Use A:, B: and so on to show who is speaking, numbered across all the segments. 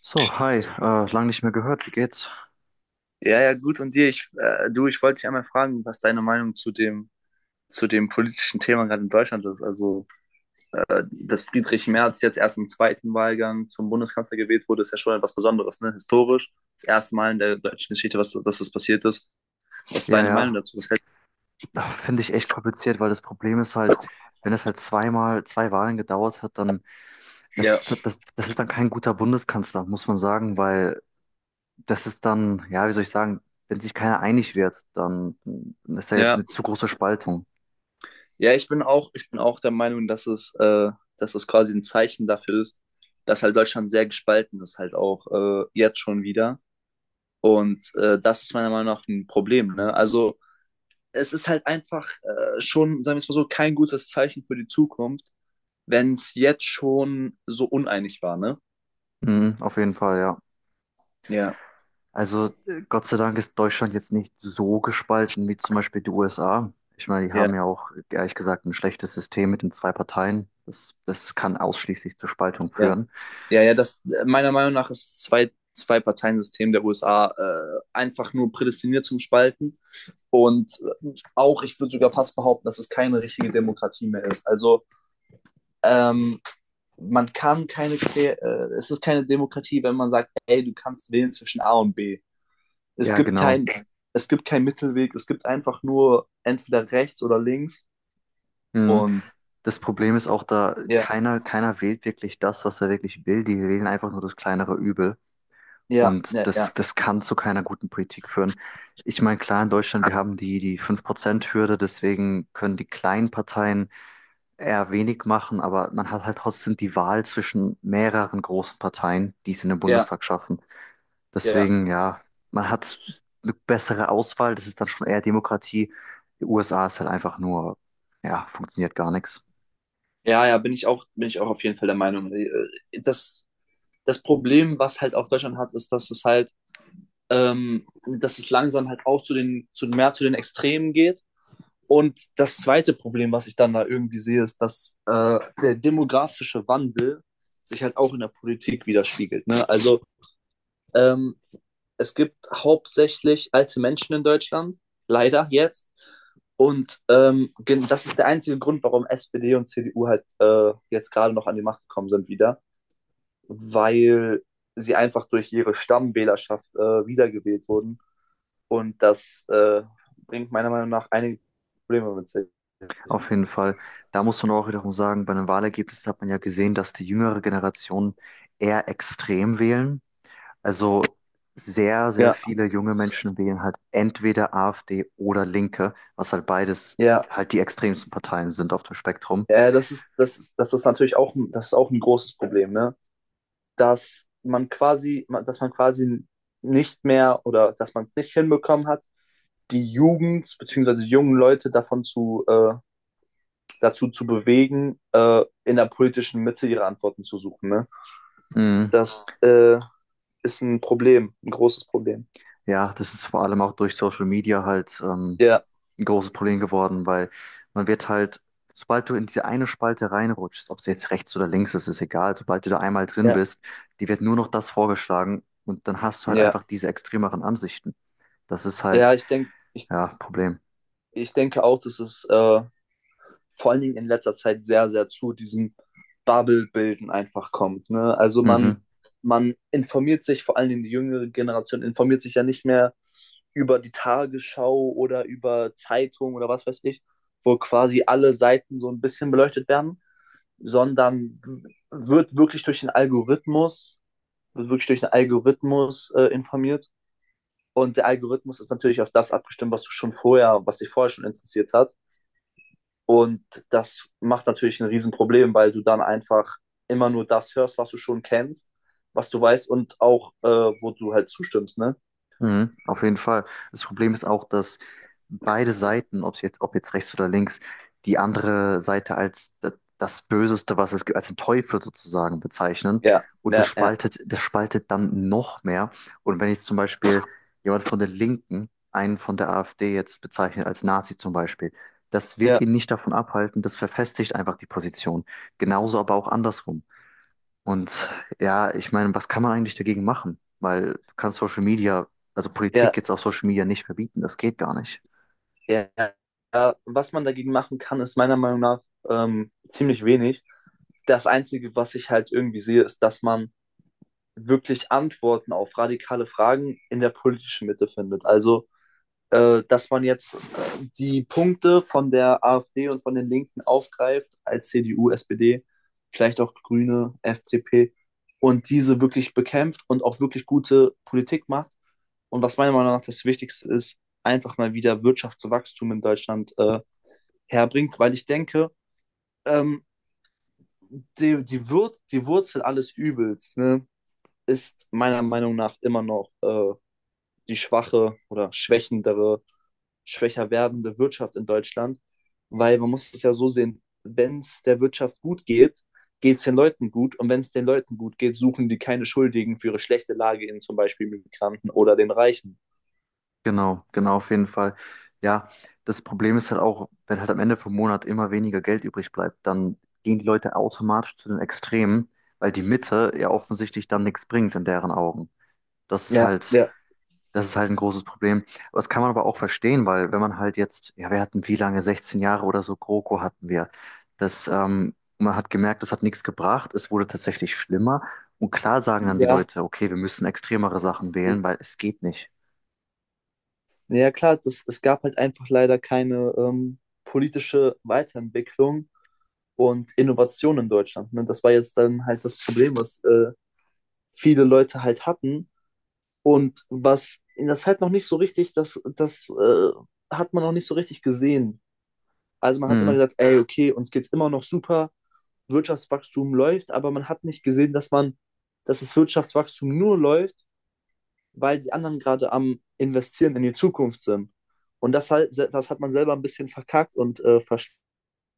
A: So, hi, lang nicht mehr gehört, wie geht's?
B: Ja, ja, gut. Und dir, ich wollte dich einmal fragen, was deine Meinung zu dem politischen Thema gerade in Deutschland ist. Also, dass Friedrich Merz jetzt erst im zweiten Wahlgang zum Bundeskanzler gewählt wurde, ist ja schon etwas Besonderes, ne? Historisch. Das erste Mal in der deutschen Geschichte, was, dass das passiert ist. Was ist
A: Ja,
B: deine Meinung
A: ja,
B: dazu? Was hältst
A: ach, finde ich echt kompliziert, weil das Problem ist halt, wenn es halt zweimal, zwei Wahlen gedauert hat, dann
B: du?
A: das
B: Ja,
A: ist, das, das ist dann kein guter Bundeskanzler, muss man sagen, weil das ist dann, ja, wie soll ich sagen, wenn sich keiner einig wird, dann ist da jetzt
B: ja.
A: eine zu große Spaltung.
B: Ja, ich bin auch der Meinung, dass dass es quasi ein Zeichen dafür ist, dass halt Deutschland sehr gespalten ist, halt auch jetzt schon wieder. Und das ist meiner Meinung nach ein Problem, ne? Also, es ist halt einfach schon, sagen wir es mal so, kein gutes Zeichen für die Zukunft, wenn es jetzt schon so uneinig war, ne?
A: Mhm, auf jeden Fall, ja.
B: Ja,
A: Also Gott sei Dank ist Deutschland jetzt nicht so gespalten wie zum Beispiel die USA. Ich meine, die haben
B: ja,
A: ja auch ehrlich gesagt ein schlechtes System mit den zwei Parteien. Das kann ausschließlich zur Spaltung
B: ja.
A: führen.
B: Ja, ja, das meiner Meinung nach ist das zwei Parteiensystem der USA einfach nur prädestiniert zum Spalten. Und auch, ich würde sogar fast behaupten, dass es keine richtige Demokratie mehr ist. Also ähm, man kann keine, Quer- es ist keine Demokratie, wenn man sagt, ey, du kannst wählen zwischen A und B. Es
A: Ja,
B: gibt
A: genau.
B: kein, es gibt keinen Mittelweg, es gibt einfach nur entweder rechts oder links.
A: Mhm.
B: Und
A: Das Problem ist auch da,
B: ja,
A: keiner wählt wirklich das, was er wirklich will. Die wählen einfach nur das kleinere Übel.
B: ja, ja,
A: Und das,
B: ja,
A: das kann zu keiner guten Politik führen. Ich meine, klar, in Deutschland, wir haben die 5% Hürde, deswegen können die kleinen Parteien eher wenig machen, aber man hat halt trotzdem die Wahl zwischen mehreren großen Parteien, die es in den
B: ja,
A: Bundestag schaffen.
B: ja.
A: Deswegen, ja, man hat eine bessere Auswahl, das ist dann schon eher Demokratie. Die USA ist halt einfach nur, ja, funktioniert gar nichts.
B: Ja, ja, bin ich auch auf jeden Fall der Meinung. Das, das Problem, was halt auch Deutschland hat, ist, dass es langsam halt auch zu mehr zu den Extremen geht. Und das zweite Problem, was ich dann da irgendwie sehe, ist, dass der demografische Wandel sich halt auch in der Politik widerspiegelt. Ne? Also ähm, es gibt hauptsächlich alte Menschen in Deutschland, leider jetzt. Und das ist der einzige Grund, warum SPD und CDU halt jetzt gerade noch an die Macht gekommen sind wieder, weil sie einfach durch ihre Stammwählerschaft wiedergewählt wurden. Und das bringt meiner Meinung nach einige Probleme mit sich.
A: Auf jeden Fall, da muss man auch wiederum sagen, bei den Wahlergebnissen hat man ja gesehen, dass die jüngere Generation eher extrem wählen. Also sehr, sehr
B: Ja,
A: viele junge Menschen wählen halt entweder AfD oder Linke, was halt beides
B: ja,
A: halt die extremsten Parteien sind auf dem Spektrum.
B: ja, das ist natürlich auch, das ist auch ein großes Problem, ne? Dass man quasi nicht mehr oder dass man es nicht hinbekommen hat, die Jugend bzw. jungen Leute davon dazu zu bewegen, in der politischen Mitte ihre Antworten zu suchen. Ne?
A: Mhm.
B: Das ist ein Problem, ein großes Problem.
A: Ja, das ist vor allem auch durch Social Media halt
B: Ja,
A: ein großes Problem geworden, weil man wird halt, sobald du in diese eine Spalte reinrutschst, ob es jetzt rechts oder links ist, ist egal, sobald du da einmal drin
B: ja,
A: bist, die wird nur noch das vorgeschlagen und dann hast du halt
B: ja.
A: einfach diese extremeren Ansichten. Das ist halt,
B: Ja, ich denke, ich,
A: ja, Problem.
B: ich denke auch, dass es vor allen Dingen in letzter Zeit sehr, sehr zu diesem Bubble-Bilden einfach kommt. Ne?
A: Mhm.
B: Man informiert sich, vor allen Dingen die jüngere Generation informiert sich ja nicht mehr über die Tagesschau oder über Zeitung oder was weiß ich, wo quasi alle Seiten so ein bisschen beleuchtet werden, sondern wird wirklich wird wirklich durch den Algorithmus informiert. Und der Algorithmus ist natürlich auf das abgestimmt, was dich vorher schon interessiert hat. Und das macht natürlich ein Riesenproblem, weil du dann einfach immer nur das hörst, was du schon kennst, was du weißt und auch, wo du halt zustimmst, ne?
A: Mhm, auf jeden Fall. Das Problem ist auch, dass beide Seiten, ob jetzt rechts oder links, die andere Seite als das Böseste, was es gibt, als den Teufel sozusagen bezeichnen.
B: Ja,
A: Und das
B: ja, ja,
A: spaltet, das spaltet dann noch mehr. Und wenn jetzt zum Beispiel jemand von den Linken einen von der AfD jetzt bezeichnet als Nazi zum Beispiel, das wird
B: ja,
A: ihn nicht davon abhalten, das verfestigt einfach die Position. Genauso aber auch andersrum. Und ja, ich meine, was kann man eigentlich dagegen machen? Weil du kannst Social Media, also
B: ja,
A: Politik jetzt auf Social Media nicht verbieten, das geht gar nicht.
B: ja. Ja. Was man dagegen machen kann, ist meiner Meinung nach ziemlich wenig. Das Einzige, was ich halt irgendwie sehe, ist, dass man wirklich Antworten auf radikale Fragen in der politischen Mitte findet. Also dass man jetzt die Punkte von der AfD und von den Linken aufgreift, als CDU, SPD, vielleicht auch Grüne, FDP, und diese wirklich bekämpft und auch wirklich gute Politik macht. Und was meiner Meinung nach das Wichtigste ist, einfach mal wieder Wirtschaftswachstum in Deutschland herbringt, weil ich denke, ähm, die Wurzel alles Übels ne, ist meiner Meinung nach immer noch die schwache oder schwächendere schwächer werdende Wirtschaft in Deutschland, weil man muss es ja so sehen, wenn es der Wirtschaft gut geht, geht es den Leuten gut und wenn es den Leuten gut geht, suchen die keine Schuldigen für ihre schlechte Lage in zum Beispiel Migranten oder den Reichen.
A: Genau, genau, auf jeden Fall. Ja, das Problem ist halt auch, wenn halt am Ende vom Monat immer weniger Geld übrig bleibt, dann gehen die Leute automatisch zu den Extremen, weil die Mitte ja offensichtlich dann nichts bringt in deren Augen. Das ist
B: Ja,
A: halt,
B: ja,
A: Das ist halt ein großes Problem. Aber das kann man aber auch verstehen, weil wenn man halt jetzt, ja, wir hatten wie lange, 16 Jahre oder so, GroKo hatten wir. Man hat gemerkt, das hat nichts gebracht. Es wurde tatsächlich schlimmer. Und klar sagen dann die
B: ja,
A: Leute, okay, wir müssen extremere Sachen wählen,
B: es,
A: weil es geht nicht.
B: ja klar, es gab halt einfach leider keine politische Weiterentwicklung und Innovation in Deutschland. Ne? Das war jetzt dann halt das Problem, was viele Leute halt hatten. Und was das halt noch nicht so richtig, das, das hat man noch nicht so richtig gesehen. Also man hat immer
A: Mhm.
B: gesagt, ey, okay, uns geht's immer noch super, Wirtschaftswachstum läuft, aber man hat nicht gesehen, dass das Wirtschaftswachstum nur läuft, weil die anderen gerade am Investieren in die Zukunft sind. Und das hat man selber ein bisschen verkackt und verstanden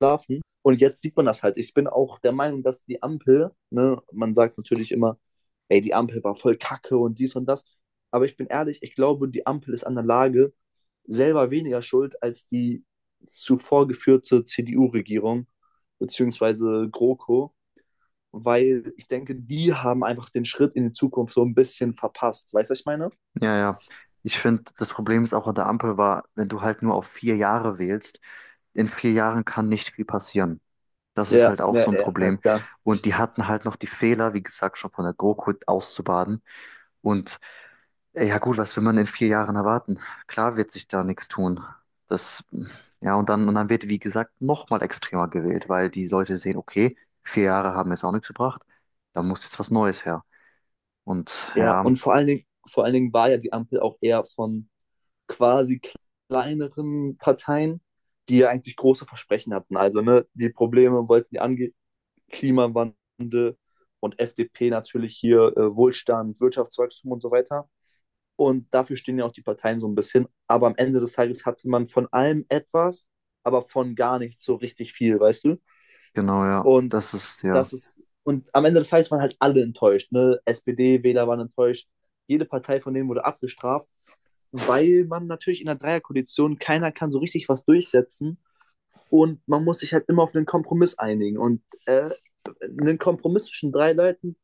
B: schlafen. Und jetzt sieht man das halt. Ich bin auch der Meinung, dass die Ampel, ne, man sagt natürlich immer, ey, die Ampel war voll kacke und dies und das. Aber ich bin ehrlich, ich glaube, die Ampel ist an der Lage selber weniger schuld als die zuvor geführte CDU-Regierung, beziehungsweise GroKo, weil ich denke, die haben einfach den Schritt in die Zukunft so ein bisschen verpasst. Weißt du, was ich meine?
A: Ja, ja. Ich finde, das Problem ist auch an der Ampel war, wenn du halt nur auf 4 Jahre wählst, in 4 Jahren kann nicht viel passieren. Das ist
B: Ja,
A: halt auch
B: ja,
A: so ein
B: ja, ja,
A: Problem.
B: klar.
A: Und die hatten halt noch die Fehler, wie gesagt, schon von der GroKo auszubaden. Und ja gut, was will man in 4 Jahren erwarten? Klar wird sich da nichts tun. Das, ja, und dann wird, wie gesagt, nochmal extremer gewählt, weil die Leute sehen, okay, 4 Jahre haben jetzt auch nichts gebracht, da muss jetzt was Neues her. Und
B: Ja,
A: ja,
B: und vor allen Dingen war ja die Ampel auch eher von quasi kleineren Parteien, die ja eigentlich große Versprechen hatten. Also ne, die Probleme wollten die angehen, Klimawandel und FDP natürlich hier Wohlstand, Wirtschaftswachstum und so weiter. Und dafür stehen ja auch die Parteien so ein bisschen. Aber am Ende des Tages hatte man von allem etwas, aber von gar nichts so richtig viel, weißt du?
A: genau, ja,
B: Und
A: das ist ja,
B: das ist, und am Ende des Tages waren halt alle enttäuscht. Ne? SPD-Wähler waren enttäuscht. Jede Partei von denen wurde abgestraft, weil man natürlich in der Dreierkoalition keiner kann so richtig was durchsetzen und man muss sich halt immer auf einen Kompromiss einigen. Und einen Kompromiss zwischen drei Leuten,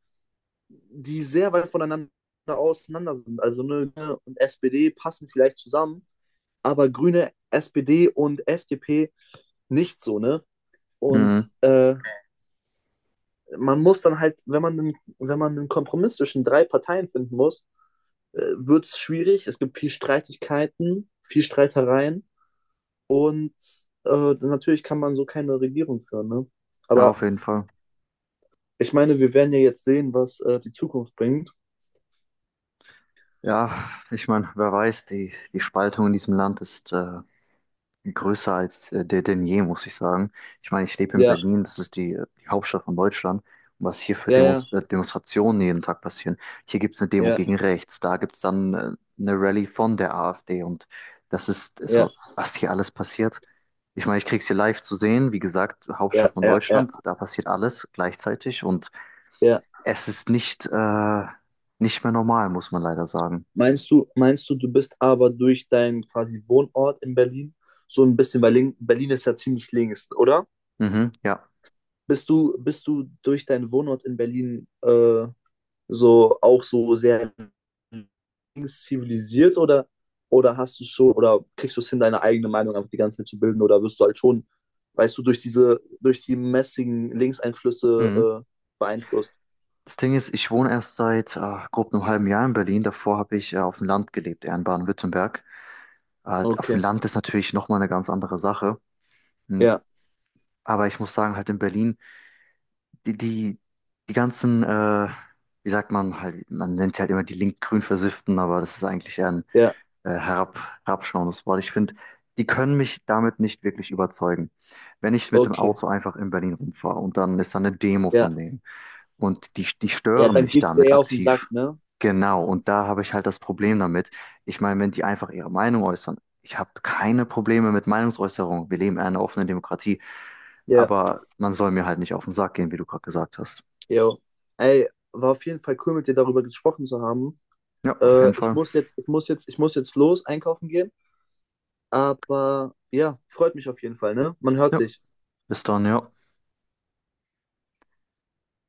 B: die sehr weit voneinander auseinander sind. Also ne, Grüne und SPD passen vielleicht zusammen, aber Grüne, SPD und FDP nicht so, ne? Und
A: mhm,
B: äh, man muss dann halt, wenn man einen Kompromiss zwischen drei Parteien finden muss, wird es schwierig. Es gibt viel Streitigkeiten, viel Streitereien und natürlich kann man so keine Regierung führen, ne?
A: ja,
B: Aber
A: auf jeden Fall.
B: ich meine, wir werden ja jetzt sehen, was die Zukunft bringt.
A: Ja, ich meine, wer weiß, die Spaltung in diesem Land ist größer als der denn je, muss ich sagen. Ich meine, ich lebe in
B: Ja,
A: Berlin, das ist die Hauptstadt von Deutschland. Und was hier für
B: ja, ja,
A: Demos Demonstrationen jeden Tag passieren. Hier gibt es eine Demo
B: ja,
A: gegen rechts, da gibt es dann eine Rallye von der AfD und das ist
B: ja,
A: so, was hier alles passiert. Ich meine, ich krieg's hier live zu sehen, wie gesagt,
B: ja,
A: Hauptstadt von
B: ja, ja,
A: Deutschland, da passiert alles gleichzeitig und
B: ja.
A: es ist nicht mehr normal, muss man leider sagen.
B: Meinst du, du bist aber durch deinen quasi Wohnort in Berlin so ein bisschen, weil Berlin ist ja ziemlich links, oder?
A: Mhm, ja.
B: Bist du durch deinen Wohnort in Berlin so auch so sehr links zivilisiert oder, oder kriegst du es hin, deine eigene Meinung einfach die ganze Zeit zu bilden oder wirst du halt schon, weißt du, durch die mäßigen
A: Mhm.
B: Linkseinflüsse beeinflusst?
A: Das Ding ist, ich wohne erst seit grob einem halben Jahr in Berlin. Davor habe ich auf dem Land gelebt, eher in Baden-Württemberg. Auf dem
B: Okay,
A: Land ist natürlich nochmal eine ganz andere Sache. Hm.
B: ja,
A: Aber ich muss sagen, halt in Berlin, die, die, die ganzen, wie sagt man halt, man nennt sie halt immer die link-grün Versifften, aber das ist eigentlich eher ein
B: ja,
A: äh, herab, herabschauendes Wort. Ich finde, die können mich damit nicht wirklich überzeugen, wenn ich mit dem
B: okay,
A: Auto einfach in Berlin rumfahre und dann ist da eine Demo
B: ja.
A: von denen. Und die
B: Ja,
A: stören
B: dann
A: mich
B: geht's dir
A: damit
B: eher auf den Sack,
A: aktiv.
B: ne?
A: Genau, und da habe ich halt das Problem damit. Ich meine, wenn die einfach ihre Meinung äußern, ich habe keine Probleme mit Meinungsäußerung. Wir leben in einer offenen Demokratie,
B: Ja,
A: aber man soll mir halt nicht auf den Sack gehen, wie du gerade gesagt hast.
B: jo. Ey, war auf jeden Fall cool, mit dir darüber gesprochen zu haben.
A: Ja, auf jeden Fall.
B: Ich muss jetzt los einkaufen gehen. Aber ja, freut mich auf jeden Fall, ne? Man hört
A: Ja,
B: sich.
A: bis dann, ja.